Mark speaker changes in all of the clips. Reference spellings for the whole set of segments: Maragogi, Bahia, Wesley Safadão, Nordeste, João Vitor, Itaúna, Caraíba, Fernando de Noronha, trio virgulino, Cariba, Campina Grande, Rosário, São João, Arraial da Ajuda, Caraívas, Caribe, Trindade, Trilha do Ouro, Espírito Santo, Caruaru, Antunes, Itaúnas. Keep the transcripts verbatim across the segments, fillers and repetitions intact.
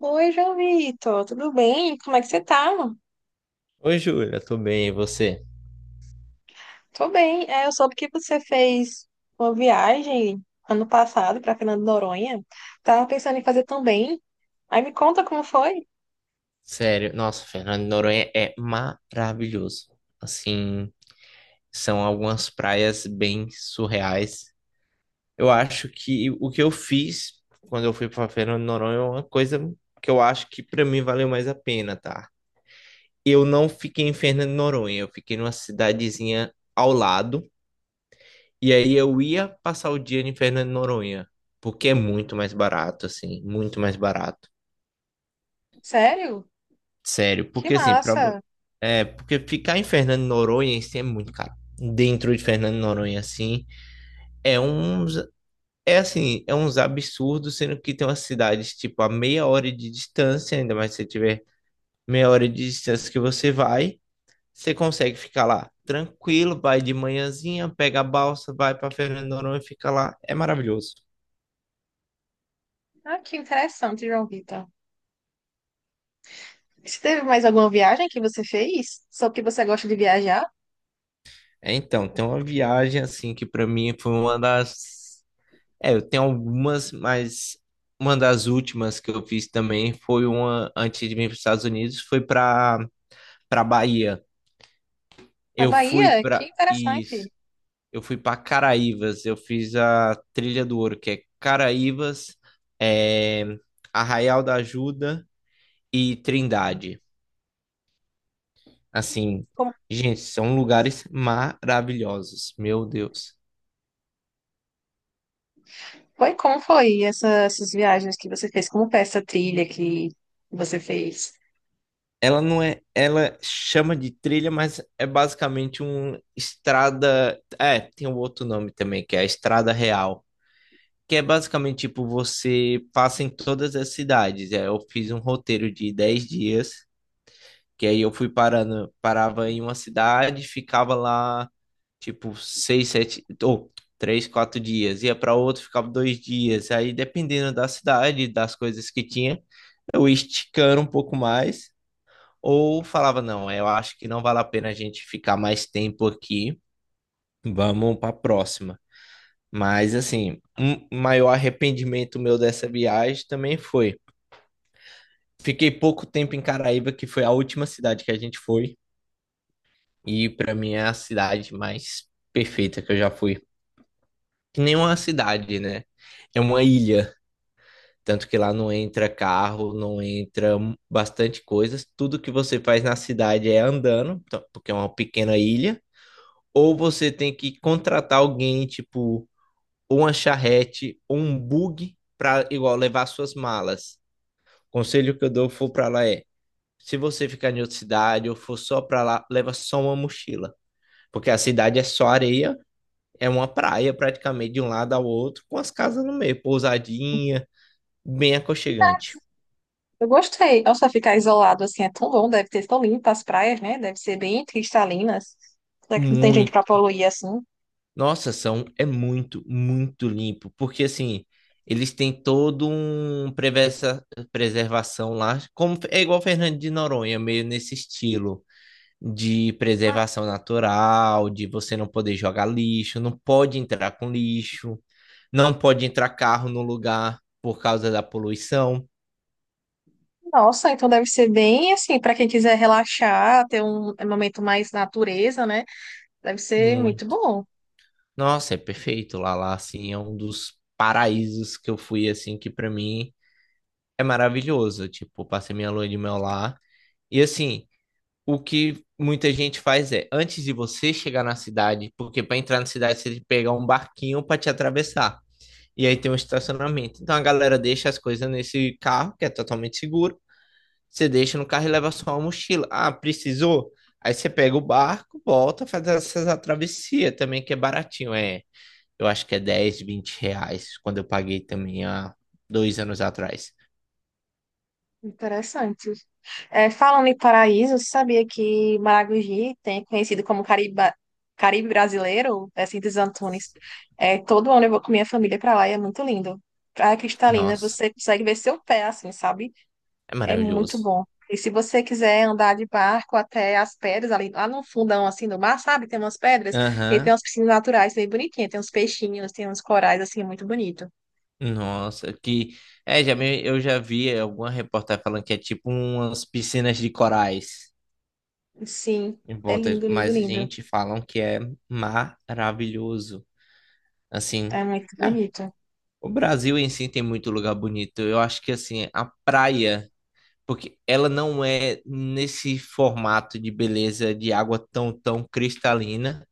Speaker 1: Oi, João Vitor, tudo bem? Como é que você tá?
Speaker 2: Oi, Júlia, tudo bem? E você?
Speaker 1: Tô bem. É, eu soube que você fez uma viagem ano passado para Fernando de Noronha. Tava pensando em fazer também. Aí me conta como foi.
Speaker 2: Sério, nossa, Fernando de Noronha é maravilhoso. Assim, são algumas praias bem surreais. Eu acho que o que eu fiz quando eu fui para Fernando de Noronha é uma coisa que eu acho que para mim valeu mais a pena, tá? Eu não fiquei em Fernando de Noronha, eu fiquei numa cidadezinha ao lado, e aí eu ia passar o dia em Fernando de Noronha, porque é muito mais barato, assim, muito mais barato.
Speaker 1: Sério?
Speaker 2: Sério,
Speaker 1: Que
Speaker 2: porque assim, pra,
Speaker 1: massa!
Speaker 2: vo- é, porque ficar em Fernando de Noronha em si é muito caro. Dentro de Fernando de Noronha, assim, é uns, é assim, é uns absurdos, sendo que tem umas cidades, tipo, a meia hora de distância, ainda mais se você tiver meia hora de distância que você vai, você consegue ficar lá tranquilo, vai de manhãzinha, pega a balsa, vai para Fernando de Noronha e fica lá. É maravilhoso.
Speaker 1: Ah, que interessante, João Vitor. Você teve mais alguma viagem que você fez? Só porque você gosta de viajar?
Speaker 2: É, então, tem uma viagem, assim, que pra mim foi uma das. É, eu tenho algumas, mas uma das últimas que eu fiz também foi uma antes de vir para os Estados Unidos, foi para para Bahia.
Speaker 1: A
Speaker 2: Eu fui
Speaker 1: Bahia? Que
Speaker 2: para isso,
Speaker 1: interessante.
Speaker 2: eu fui para Caraívas, eu fiz a Trilha do Ouro, que é Caraívas, é, Arraial da Ajuda e Trindade. Assim, gente, são lugares maravilhosos, meu Deus.
Speaker 1: Foi, como foi essa- essas viagens que você fez? Como foi essa trilha que você fez?
Speaker 2: Ela não é, Ela chama de trilha, mas é basicamente uma estrada. É, tem um outro nome também, que é a estrada real, que é basicamente tipo você passa em todas as cidades. É, eu fiz um roteiro de dez dias, que aí eu fui parando, parava em uma cidade, ficava lá tipo seis sete ou três quatro dias, ia para outro ficava dois dias. Aí dependendo da cidade, das coisas que tinha, eu ia esticando um pouco mais. Ou falava, não, eu acho que não vale a pena a gente ficar mais tempo aqui, vamos para a próxima. Mas, assim, um maior arrependimento meu dessa viagem também foi. Fiquei pouco tempo em Caraíba, que foi a última cidade que a gente foi, e para mim é a cidade mais perfeita que eu já fui. Que nem uma cidade, né? É uma ilha. Tanto que lá não entra carro, não entra bastante coisas. Tudo que você faz na cidade é andando, então, porque é uma pequena ilha, ou você tem que contratar alguém, tipo, ou uma charrete, ou um bug para igual levar suas malas. O conselho que eu dou for para lá é: se você ficar em outra cidade ou for só para lá, leva só uma mochila, porque a cidade é só areia, é uma praia praticamente de um lado ao outro, com as casas no meio, pousadinha, bem aconchegante.
Speaker 1: Eu gostei. Nossa, ficar isolado assim é tão bom, deve ser tão limpo as praias, né? Deve ser bem cristalinas. Será que não tem gente pra
Speaker 2: Muito
Speaker 1: poluir assim?
Speaker 2: Nossa, são é muito, muito limpo, porque assim, eles têm todo um prevessa- preservação lá, como é igual Fernando de Noronha, meio nesse estilo de
Speaker 1: Ah,
Speaker 2: preservação natural, de você não poder jogar lixo, não pode entrar com lixo, não pode entrar carro no lugar por causa da poluição,
Speaker 1: nossa, então deve ser bem assim, pra quem quiser relaxar, ter um momento mais natureza, né? Deve ser muito
Speaker 2: muito.
Speaker 1: bom,
Speaker 2: Nossa, é perfeito lá lá assim, é um dos paraísos que eu fui assim que pra mim é maravilhoso, tipo, passei minha lua de mel lá. E assim, o que muita gente faz é, antes de você chegar na cidade, porque para entrar na cidade você tem que pegar um barquinho para te atravessar. E aí tem um estacionamento. Então a galera deixa as coisas nesse carro, que é totalmente seguro. Você deixa no carro e leva só a mochila. Ah, precisou? Aí você pega o barco, volta, faz essa travessia também, que é baratinho. É, eu acho que é dez, vinte reais, quando eu paguei também há dois anos atrás.
Speaker 1: interessante. É, falando em paraíso, você sabia que Maragogi tem conhecido como Cariba, Caribe brasileiro, é assim dos Antunes. É, todo ano eu vou com minha família para lá e é muito lindo. Praia Cristalina,
Speaker 2: Nossa,
Speaker 1: você consegue ver seu pé assim, sabe?
Speaker 2: é
Speaker 1: É muito
Speaker 2: maravilhoso.
Speaker 1: bom. E se você quiser andar de barco até as pedras ali, lá no fundão assim do mar, sabe? Tem umas pedras e tem
Speaker 2: Aham.
Speaker 1: umas piscinas naturais bem bonitinhas, tem uns peixinhos, tem uns corais assim, é muito bonito.
Speaker 2: Nossa, que é, já me- eu já vi alguma reportagem falando que é tipo umas piscinas de corais
Speaker 1: Sim,
Speaker 2: em
Speaker 1: é
Speaker 2: volta,
Speaker 1: lindo, lindo,
Speaker 2: mas
Speaker 1: lindo.
Speaker 2: gente, falam que é maravilhoso. Assim,
Speaker 1: É muito
Speaker 2: é,
Speaker 1: bonito.
Speaker 2: o Brasil em si tem muito lugar bonito. Eu acho que assim, a praia porque ela não é nesse formato de beleza de água tão, tão cristalina,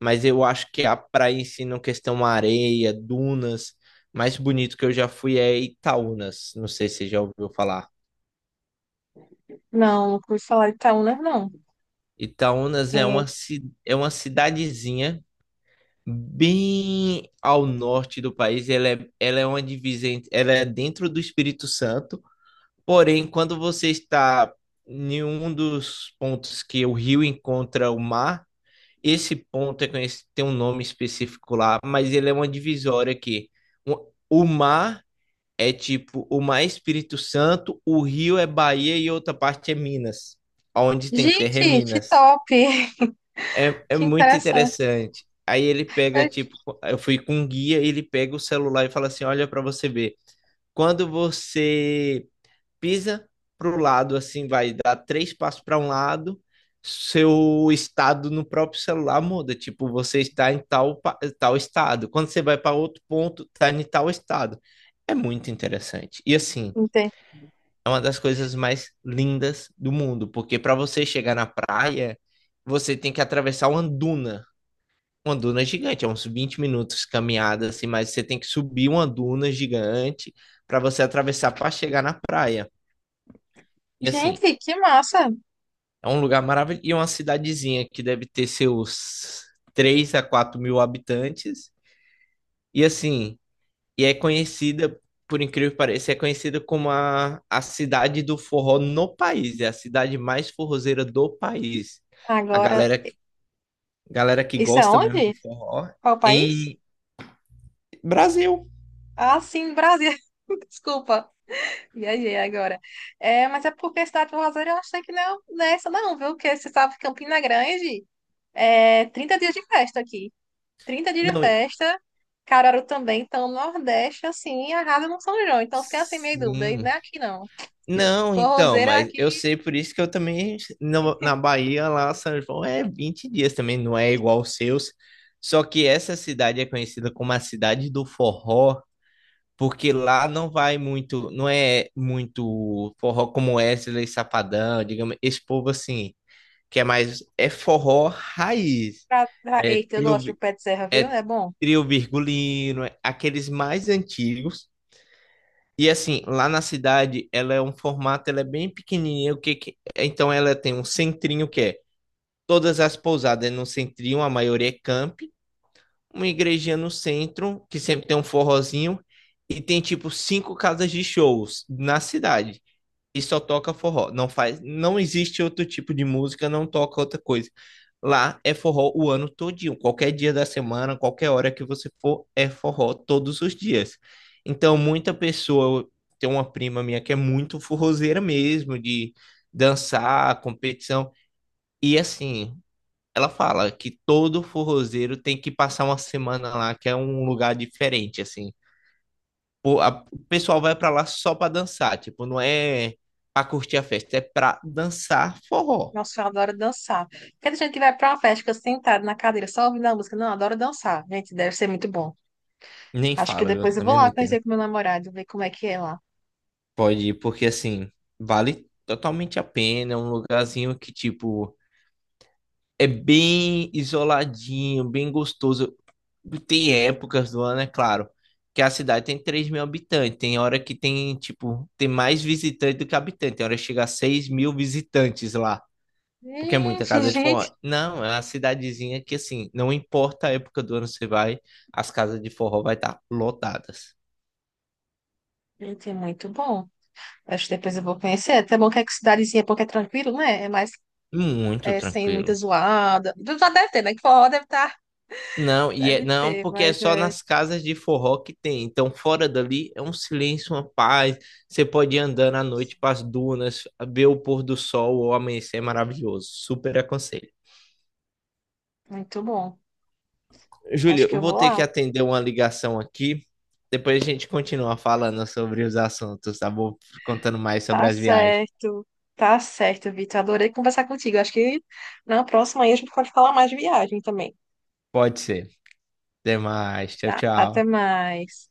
Speaker 2: mas eu acho que a praia em si, na questão areia, dunas, mais bonito que eu já fui é Itaúnas. Não sei se você já ouviu falar.
Speaker 1: Não, não pude falar de Itaúna, não.
Speaker 2: Itaúnas é
Speaker 1: É,
Speaker 2: uma, ci- é uma cidadezinha bem ao norte do país. Ela é, ela é uma divisa, en- ela é dentro do Espírito Santo. Porém, quando você está em um dos pontos que o rio encontra o mar. Esse ponto é conhecido, tem um nome específico lá, mas ele é uma divisória que o o mar é tipo, o mar é Espírito Santo, o rio é Bahia e outra parte é Minas. Onde tem terra é
Speaker 1: gente, que
Speaker 2: Minas.
Speaker 1: top!
Speaker 2: É, é
Speaker 1: Que
Speaker 2: muito
Speaker 1: interessante.
Speaker 2: interessante. Aí ele pega, tipo, eu fui com um guia, ele pega o celular e fala assim: olha para você ver. Quando você pisa para o lado, assim, vai dar três passos para um lado, seu estado no próprio celular muda. Tipo, você está em tal, pa- tal estado. Quando você vai para outro ponto, está em tal estado. É muito interessante. E assim,
Speaker 1: Entendi.
Speaker 2: é uma das coisas mais lindas do mundo, porque para você chegar na praia, você tem que atravessar uma duna. Uma duna gigante, é uns vinte minutos caminhada, assim, mas você tem que subir uma duna gigante para você atravessar para chegar na praia. E assim,
Speaker 1: Gente, que massa!
Speaker 2: é um lugar maravilhoso. E é uma cidadezinha que deve ter seus três a quatro mil habitantes. E assim, e é conhecida, por incrível que pareça, é conhecida como a, a cidade do forró no país. É a cidade mais forrozeira do país. A
Speaker 1: Agora,
Speaker 2: galera, galera que
Speaker 1: isso é
Speaker 2: gosta mesmo de
Speaker 1: onde?
Speaker 2: forró
Speaker 1: Qual país?
Speaker 2: em Brasil.
Speaker 1: Ah, sim, Brasil. Desculpa, viajei agora. É, mas é porque a cidade do Rosário eu achei que não, não é essa não, viu? Porque você sabe que Campina Grande é trinta dias de festa aqui. Trinta dias de
Speaker 2: Não, em-
Speaker 1: festa, Caruaru também, então o Nordeste, assim, arrasa no São João. Então eu fiquei assim, meio dúvida. E
Speaker 2: sim.
Speaker 1: não é aqui não. Eu
Speaker 2: Não,
Speaker 1: tô
Speaker 2: então,
Speaker 1: roseira
Speaker 2: mas
Speaker 1: aqui
Speaker 2: eu sei por isso que eu também, no- na Bahia, lá, São João é vinte dias também, não é igual aos seus. Só que essa cidade é conhecida como a cidade do forró, porque lá não vai muito, não é muito forró como Wesley Safadão, digamos, esse povo assim, que é mais, é forró raiz,
Speaker 1: pra... pra-
Speaker 2: é
Speaker 1: Eita, eu
Speaker 2: trio,
Speaker 1: gosto de
Speaker 2: vi-
Speaker 1: pé de serra, viu?
Speaker 2: é
Speaker 1: É bom.
Speaker 2: trio virgulino, é aqueles mais antigos. E assim, lá na cidade, ela é um formato, ela é bem pequenininha, o que que- então ela tem um centrinho que é todas as pousadas é no centrinho, a maioria é camp, uma igrejinha no centro, que sempre tem um forrozinho, e tem tipo cinco casas de shows na cidade e só toca forró. Não faz, não existe outro tipo de música, não toca outra coisa. Lá é forró o ano todinho. Qualquer dia da semana, qualquer hora que você for, é forró todos os dias. Então, muita pessoa, tem uma prima minha que é muito forrozeira mesmo, de dançar, competição. E assim, ela fala que todo forrozeiro tem que passar uma semana lá, que é um lugar diferente, assim. Pô, a- o pessoal vai pra lá só pra dançar, tipo, não é pra curtir a festa, é pra dançar forró.
Speaker 1: Nossa, eu adoro dançar. Porque gente que vai pra uma festa, fica sentado na cadeira só ouvindo a música. Não, eu adoro dançar. Gente, deve ser muito bom.
Speaker 2: Nem
Speaker 1: Acho que
Speaker 2: fala,
Speaker 1: depois
Speaker 2: viu?
Speaker 1: eu vou
Speaker 2: Também não
Speaker 1: lá
Speaker 2: entendo.
Speaker 1: conhecer com meu namorado, ver como é que é lá.
Speaker 2: Pode ir, porque assim, vale totalmente a pena, é um lugarzinho que, tipo, é bem isoladinho, bem gostoso. Tem épocas do ano, é claro, que a cidade tem três mil habitantes, tem hora que tem, tipo, tem mais visitante do que habitante, tem hora que chega a seis mil visitantes lá. Porque é muita
Speaker 1: Gente,
Speaker 2: casa de
Speaker 1: gente,
Speaker 2: forró. Não, é uma cidadezinha que, assim, não importa a época do ano que você vai, as casas de forró vai estar lotadas.
Speaker 1: gente, é muito bom. Acho que depois eu vou conhecer. É até bom que é que cidadezinha, porque é tranquilo, né? É mais
Speaker 2: Muito
Speaker 1: é, sem muita
Speaker 2: tranquilo.
Speaker 1: zoada. Já deve ter, né? Que forró deve estar,
Speaker 2: Não, e é,
Speaker 1: deve
Speaker 2: não,
Speaker 1: ter,
Speaker 2: porque é
Speaker 1: mas
Speaker 2: só
Speaker 1: é
Speaker 2: nas casas de forró que tem. Então, fora dali é um silêncio, uma paz. Você pode ir andando à noite para as dunas, ver o pôr do sol ou amanhecer é maravilhoso. Super aconselho.
Speaker 1: muito bom. Acho
Speaker 2: Júlio,
Speaker 1: que
Speaker 2: eu
Speaker 1: eu
Speaker 2: vou
Speaker 1: vou
Speaker 2: ter que
Speaker 1: lá.
Speaker 2: atender uma ligação aqui. Depois a gente continua falando sobre os assuntos, tá bom? Contando mais sobre
Speaker 1: Tá
Speaker 2: as viagens.
Speaker 1: certo. Tá certo, Vitor. Adorei conversar contigo. Acho que na próxima aí a gente pode falar mais de viagem também.
Speaker 2: Pode ser. Até mais. Tchau,
Speaker 1: Tá? Até
Speaker 2: tchau.
Speaker 1: mais.